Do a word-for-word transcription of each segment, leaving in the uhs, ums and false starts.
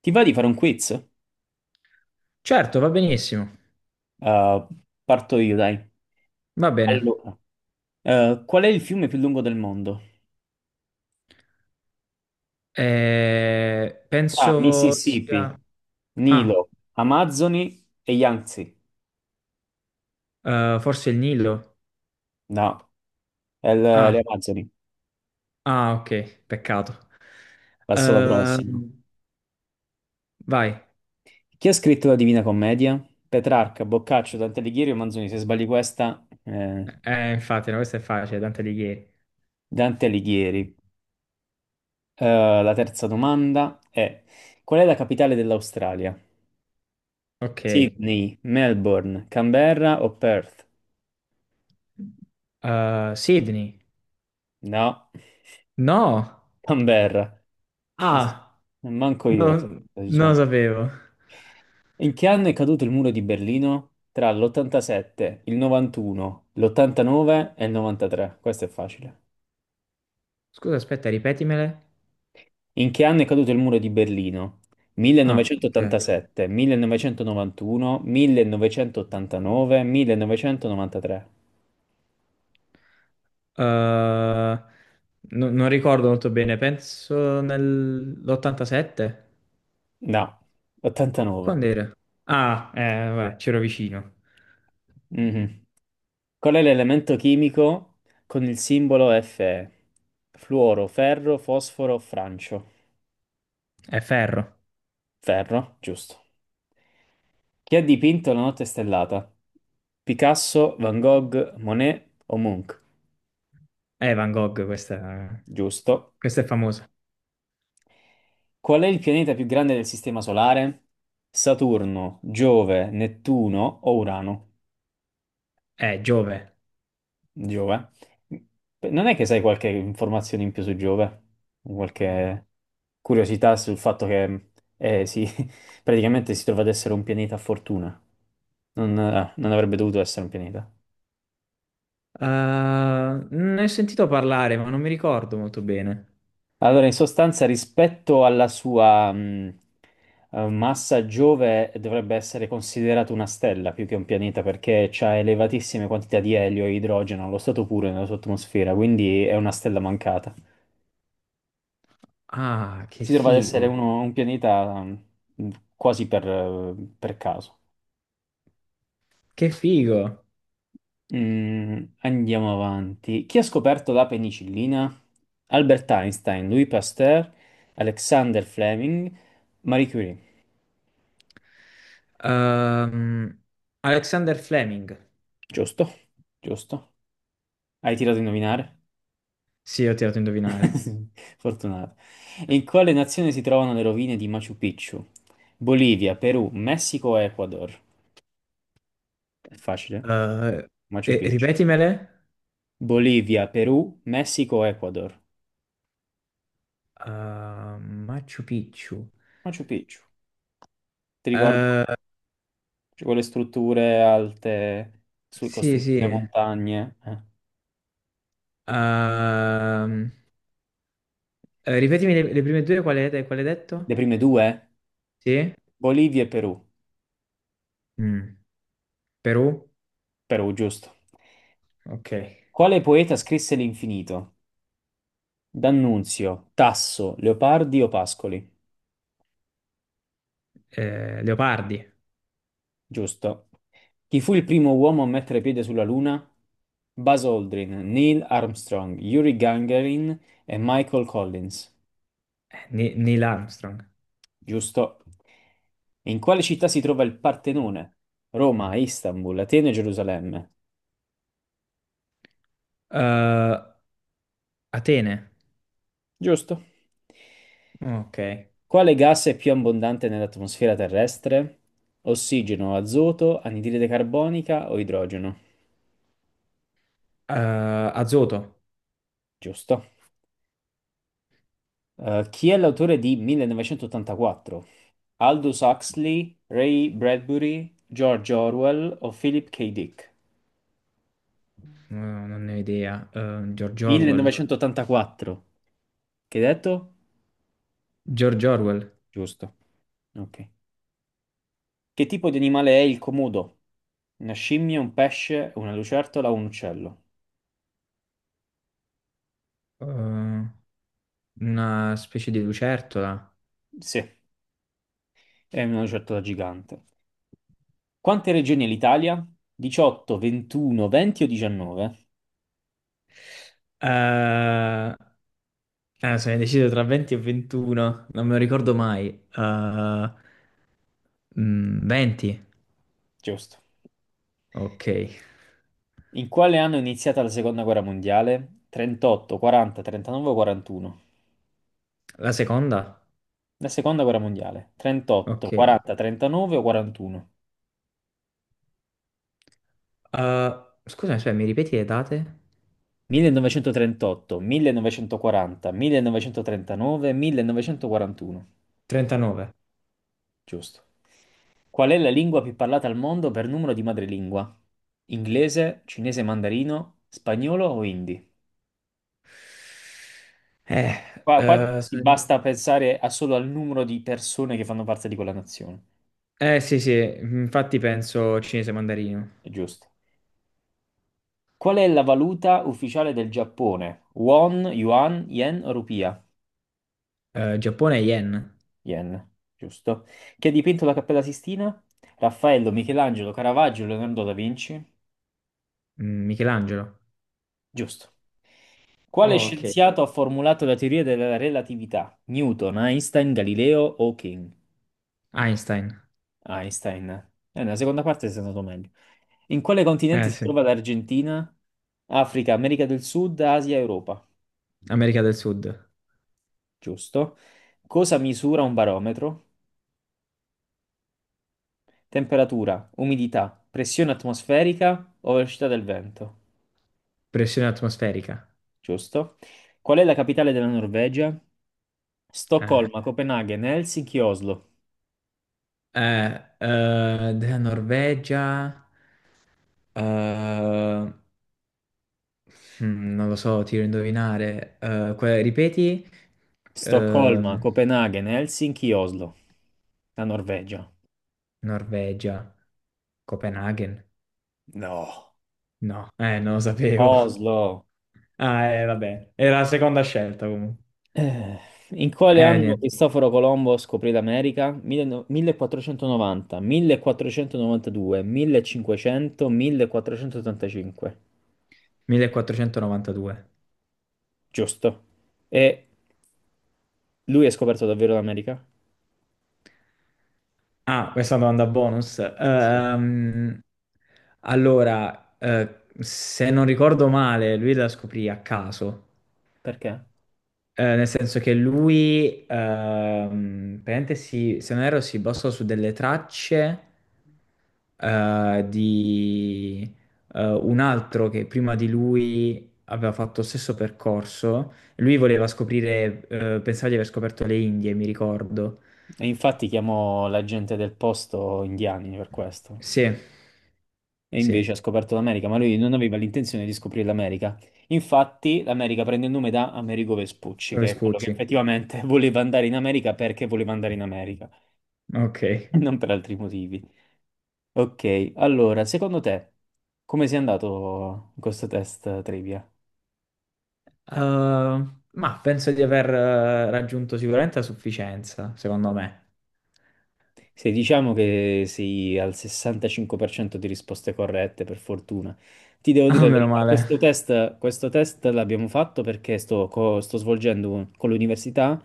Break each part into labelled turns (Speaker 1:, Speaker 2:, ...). Speaker 1: Ti va di fare un quiz?
Speaker 2: Certo, va benissimo.
Speaker 1: Uh, parto io, dai.
Speaker 2: Va bene.
Speaker 1: Allora, eh, qual è il fiume più lungo del mondo?
Speaker 2: Eh,
Speaker 1: Tra
Speaker 2: penso
Speaker 1: Mississippi,
Speaker 2: sia. Ah,
Speaker 1: Nilo, Amazzoni e Yangtze.
Speaker 2: eh, forse il Nilo.
Speaker 1: No, è l- le
Speaker 2: Ah,
Speaker 1: Amazzoni.
Speaker 2: ah, ok, peccato.
Speaker 1: Passo alla
Speaker 2: Eh,
Speaker 1: prossima.
Speaker 2: vai.
Speaker 1: Chi ha scritto la Divina Commedia? Petrarca, Boccaccio, Dante Alighieri o Manzoni? Se sbagli questa, eh,
Speaker 2: Eh, infatti, no, questa è facile, Dante Alighieri.
Speaker 1: Dante Alighieri. Eh, la terza domanda è: qual è la capitale dell'Australia?
Speaker 2: Ok.
Speaker 1: Sydney, Melbourne, Canberra o Perth?
Speaker 2: Eh, Sydney.
Speaker 1: No.
Speaker 2: No.
Speaker 1: Canberra.
Speaker 2: Ah,
Speaker 1: Manco io,
Speaker 2: no,
Speaker 1: lo so,
Speaker 2: non lo
Speaker 1: diciamo.
Speaker 2: sapevo.
Speaker 1: In che anno è caduto il muro di Berlino? Tra l'ottantasette, il novantuno, l'ottantanove e il novantatré. Questo è facile.
Speaker 2: Scusa, aspetta, ripetimele.
Speaker 1: In che anno è caduto il muro di Berlino?
Speaker 2: Ah, ok. Eh,
Speaker 1: millenovecentottantasette, millenovecentonovantuno, millenovecentottantanove, millenovecentonovantatré.
Speaker 2: no- non ricordo molto bene, penso nell'ottantasette.
Speaker 1: No, ottantanove.
Speaker 2: Quando era? Ah, eh, vabbè, c'ero vicino.
Speaker 1: Mhm. Qual è l'elemento chimico con il simbolo Fe? Fluoro, ferro, fosforo, francio.
Speaker 2: È ferro.
Speaker 1: Ferro, giusto. Chi ha dipinto La notte stellata? Picasso, Van Gogh, Monet o Munch?
Speaker 2: È Van Gogh, questa,
Speaker 1: Giusto.
Speaker 2: questa è famosa.
Speaker 1: Qual è il pianeta più grande del Sistema Solare? Saturno, Giove, Nettuno o Urano?
Speaker 2: È Giove.
Speaker 1: Giove. Non è che sai qualche informazione in più su Giove? Qualche curiosità sul fatto che eh, sì, praticamente si trova ad essere un pianeta a fortuna. Non, eh, non avrebbe dovuto essere un pianeta.
Speaker 2: Ah, ne ho sentito parlare, ma non mi ricordo molto bene.
Speaker 1: Allora, in sostanza, rispetto alla sua mh, eh, massa Giove, dovrebbe essere considerato una stella più che un pianeta perché ha elevatissime quantità di elio e idrogeno allo stato puro nella sua atmosfera, quindi è una stella mancata.
Speaker 2: Ah, che
Speaker 1: Si trova ad essere
Speaker 2: figo.
Speaker 1: uno- un pianeta mh, quasi per, eh, per caso.
Speaker 2: Che figo.
Speaker 1: Mm, andiamo avanti. Chi ha scoperto la penicillina? Albert Einstein, Louis Pasteur, Alexander Fleming, Marie Curie.
Speaker 2: Ehm, Alexander Fleming.
Speaker 1: Giusto, giusto. Hai tirato a indovinare?
Speaker 2: Sì, ho tirato a indovinare.
Speaker 1: Fortunato. In quale nazione si trovano le rovine di Machu Picchu? Bolivia, Perù, Messico, e Ecuador. È facile.
Speaker 2: Eh,
Speaker 1: Machu
Speaker 2: e-
Speaker 1: Picchu.
Speaker 2: ripetimele.
Speaker 1: Bolivia, Perù, Messico, Ecuador.
Speaker 2: Ah, Machu Picchu.
Speaker 1: Machu Picchu. Ti ricordi?
Speaker 2: Eh,
Speaker 1: Cioè, quelle strutture alte su
Speaker 2: sì,
Speaker 1: costruite le
Speaker 2: sì.
Speaker 1: montagne? Eh.
Speaker 2: Ehm, Eh, ripetimi le, le prime due, quale hai quale hai detto?
Speaker 1: Le prime due?
Speaker 2: Sì?
Speaker 1: Bolivia e Perù.
Speaker 2: Mm. Perù?
Speaker 1: Perù, giusto.
Speaker 2: Ok.
Speaker 1: Quale poeta scrisse L'infinito? D'Annunzio, Tasso, Leopardi o Pascoli?
Speaker 2: Eh, Leopardi?
Speaker 1: Giusto. Chi fu il primo uomo a mettere piede sulla Luna? Buzz Aldrin, Neil Armstrong, Yuri Gagarin e Michael Collins.
Speaker 2: Eh, Ni- Neil Armstrong.
Speaker 1: Giusto. In quale città si trova il Partenone? Roma, Istanbul, Atene e Gerusalemme.
Speaker 2: Eh, Atene?
Speaker 1: Giusto.
Speaker 2: Ok. Eh,
Speaker 1: Quale gas è più abbondante nell'atmosfera terrestre? Ossigeno, azoto, anidride carbonica o idrogeno?
Speaker 2: azoto?
Speaker 1: Giusto. Eh, chi è l'autore di millenovecentottantaquattro? Aldous Huxley, Ray Bradbury, George Orwell o Philip K. Dick?
Speaker 2: No, non ne ho idea. Eh, George
Speaker 1: Giorgio.
Speaker 2: Orwell?
Speaker 1: millenovecentottantaquattro. Che hai detto?
Speaker 2: George Orwell?
Speaker 1: Giusto. Ok. Che tipo di animale è il comodo? Una scimmia, un pesce, una lucertola o un uccello?
Speaker 2: Eh, una specie di lucertola?
Speaker 1: Sì, è una lucertola gigante. Quante regioni ha l'Italia? diciotto, ventuno, venti o diciannove?
Speaker 2: Eh, eh, sono indeciso tra venti e ventuno, non me lo ricordo mai. Eh, mm, venti.
Speaker 1: Giusto.
Speaker 2: Ok.
Speaker 1: In quale anno è iniziata la seconda guerra mondiale? trentotto, quaranta, trentanove o quarantuno?
Speaker 2: La seconda?
Speaker 1: La seconda guerra mondiale. trentotto,
Speaker 2: Ok. Eh,
Speaker 1: quaranta, trentanove o quarantuno?
Speaker 2: scusami, aspetta, mi ripeti le date?
Speaker 1: millenovecentotrentotto, millenovecentoquaranta, millenovecentotrentanove, millenovecentoquarantuno.
Speaker 2: trentanove.
Speaker 1: Giusto. Qual è la lingua più parlata al mondo per numero di madrelingua? Inglese, cinese mandarino, spagnolo o hindi?
Speaker 2: Eh,
Speaker 1: Qua, qua
Speaker 2: eh,
Speaker 1: ti
Speaker 2: sono-
Speaker 1: basta pensare a- solo al numero di persone che fanno parte di quella nazione.
Speaker 2: eh, sì, sì, infatti penso cinese mandarino.
Speaker 1: È giusto. Qual è la valuta ufficiale del Giappone? Won, yuan, yen o rupia?
Speaker 2: Eh, Giappone yen.
Speaker 1: Yen, giusto. Chi ha dipinto la Cappella Sistina? Raffaello, Michelangelo, Caravaggio, Leonardo da Vinci?
Speaker 2: Mm, Michelangelo.
Speaker 1: Giusto. Quale
Speaker 2: Oh, ok.
Speaker 1: scienziato ha formulato la teoria della relatività? Newton, Einstein, Galileo o King?
Speaker 2: Einstein.
Speaker 1: Einstein. Eh, nella seconda parte sei andato meglio. In quale continente
Speaker 2: Eh
Speaker 1: si
Speaker 2: sì,
Speaker 1: trova l'Argentina? Africa, America del Sud, Asia, Europa?
Speaker 2: America del Sud.
Speaker 1: Giusto. Cosa misura un barometro? Temperatura, umidità, pressione atmosferica o velocità del vento.
Speaker 2: Pressione atmosferica.
Speaker 1: Giusto? Qual è la capitale della Norvegia?
Speaker 2: Eh,
Speaker 1: Stoccolma, Copenaghen, Helsinki, Oslo.
Speaker 2: eh, eh, della Norvegia. eh, Mm, non lo so, tiro a indovinare. Eh, que- ripeti?
Speaker 1: Stoccolma,
Speaker 2: Ehm,
Speaker 1: Copenaghen, Helsinki, Oslo. La Norvegia.
Speaker 2: Norvegia. Copenaghen?
Speaker 1: No.
Speaker 2: No, eh, non lo sapevo.
Speaker 1: Oslo.
Speaker 2: Ah, eh, vabbè. Era la seconda scelta comunque.
Speaker 1: Eh, In quale
Speaker 2: Eh,
Speaker 1: anno
Speaker 2: niente.
Speaker 1: Cristoforo Colombo scoprì l'America? diciannove millequattrocentonovanta, millequattrocentonovantadue, millecinquecento, millequattrocentottantacinque.
Speaker 2: millequattrocentonovantadue.
Speaker 1: Giusto. E lui ha scoperto davvero l'America?
Speaker 2: Ah, questa domanda bonus.
Speaker 1: Sì.
Speaker 2: Ehm, allora, eh, se non ricordo male, lui la scoprì a caso.
Speaker 1: Perché?
Speaker 2: Eh, nel senso che lui, ehm, praticamente si, se non erro, si basò su delle tracce eh, di eh, un altro che prima di lui aveva fatto lo stesso percorso. Lui voleva scoprire, eh, pensava di aver scoperto le Indie, mi ricordo.
Speaker 1: E infatti chiamò la gente del posto indiani per questo.
Speaker 2: Sì,
Speaker 1: E
Speaker 2: sì,
Speaker 1: invece ha scoperto l'America, ma lui non aveva l'intenzione di scoprire l'America. Infatti, l'America prende il nome da Amerigo Vespucci,
Speaker 2: come
Speaker 1: che è quello che
Speaker 2: spucci.
Speaker 1: effettivamente voleva andare in America perché voleva andare in America,
Speaker 2: Ok. Eh,
Speaker 1: non per altri motivi. Ok, allora, secondo te, come sei andato in questo test trivia?
Speaker 2: ma penso di aver eh, raggiunto sicuramente la sufficienza, secondo me.
Speaker 1: Se diciamo che sei al sessantacinque per cento di risposte corrette, per fortuna. Ti devo dire
Speaker 2: Ah,
Speaker 1: la
Speaker 2: meno
Speaker 1: verità,
Speaker 2: male.
Speaker 1: questo test, questo test l'abbiamo fatto perché sto, co- sto svolgendo con l'università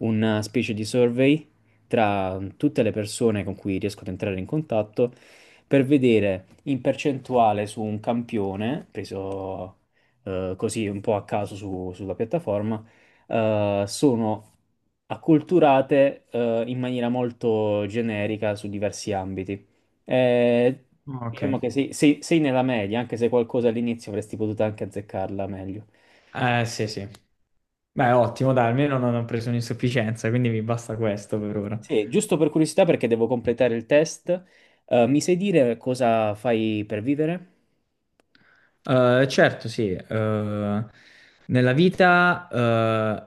Speaker 1: una specie di survey tra tutte le persone con cui riesco ad entrare in contatto per vedere in percentuale su un campione, preso eh, così un po' a caso su- sulla piattaforma, eh, sono acculturate eh, in maniera molto generica su diversi ambiti. Eh,
Speaker 2: Ok.
Speaker 1: diciamo che sei, sei- sei nella media, anche se qualcosa all'inizio avresti potuto anche azzeccarla meglio.
Speaker 2: Eh, sì, sì. Beh, ottimo, dai, almeno non ho preso un'insufficienza, quindi mi basta questo per ora.
Speaker 1: Sì, giusto per curiosità, perché devo completare il test, eh, mi sai dire cosa fai per vivere?
Speaker 2: Eh, certo, sì. eh, nella vita,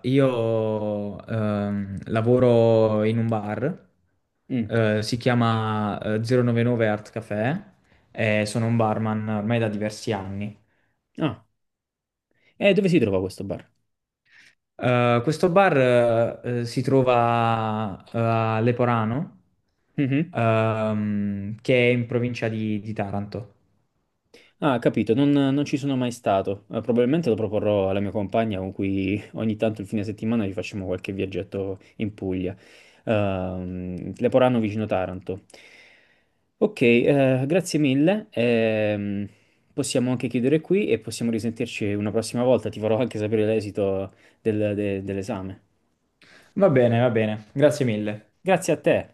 Speaker 2: eh, io ehm, lavoro in un bar,
Speaker 1: Mm.
Speaker 2: eh, si chiama eh, zero novantanove Art Café, e sono un barman ormai da diversi anni.
Speaker 1: Ah, e dove si trova questo bar?
Speaker 2: Eh, questo bar, eh, si trova eh, a Leporano,
Speaker 1: Mhm.
Speaker 2: ehm, che è in provincia di di Taranto.
Speaker 1: Ah, capito, non, non ci sono mai stato. Eh, probabilmente lo proporrò alla mia compagna con cui ogni tanto il fine settimana ci facciamo qualche viaggetto in Puglia. Ehm, Leporano vicino Taranto. Ok, eh, grazie mille. Ehm, possiamo anche chiudere qui e possiamo risentirci una prossima volta. Ti farò anche sapere l'esito del- de- dell'esame.
Speaker 2: Va bene, va bene, grazie mille.
Speaker 1: Grazie a te.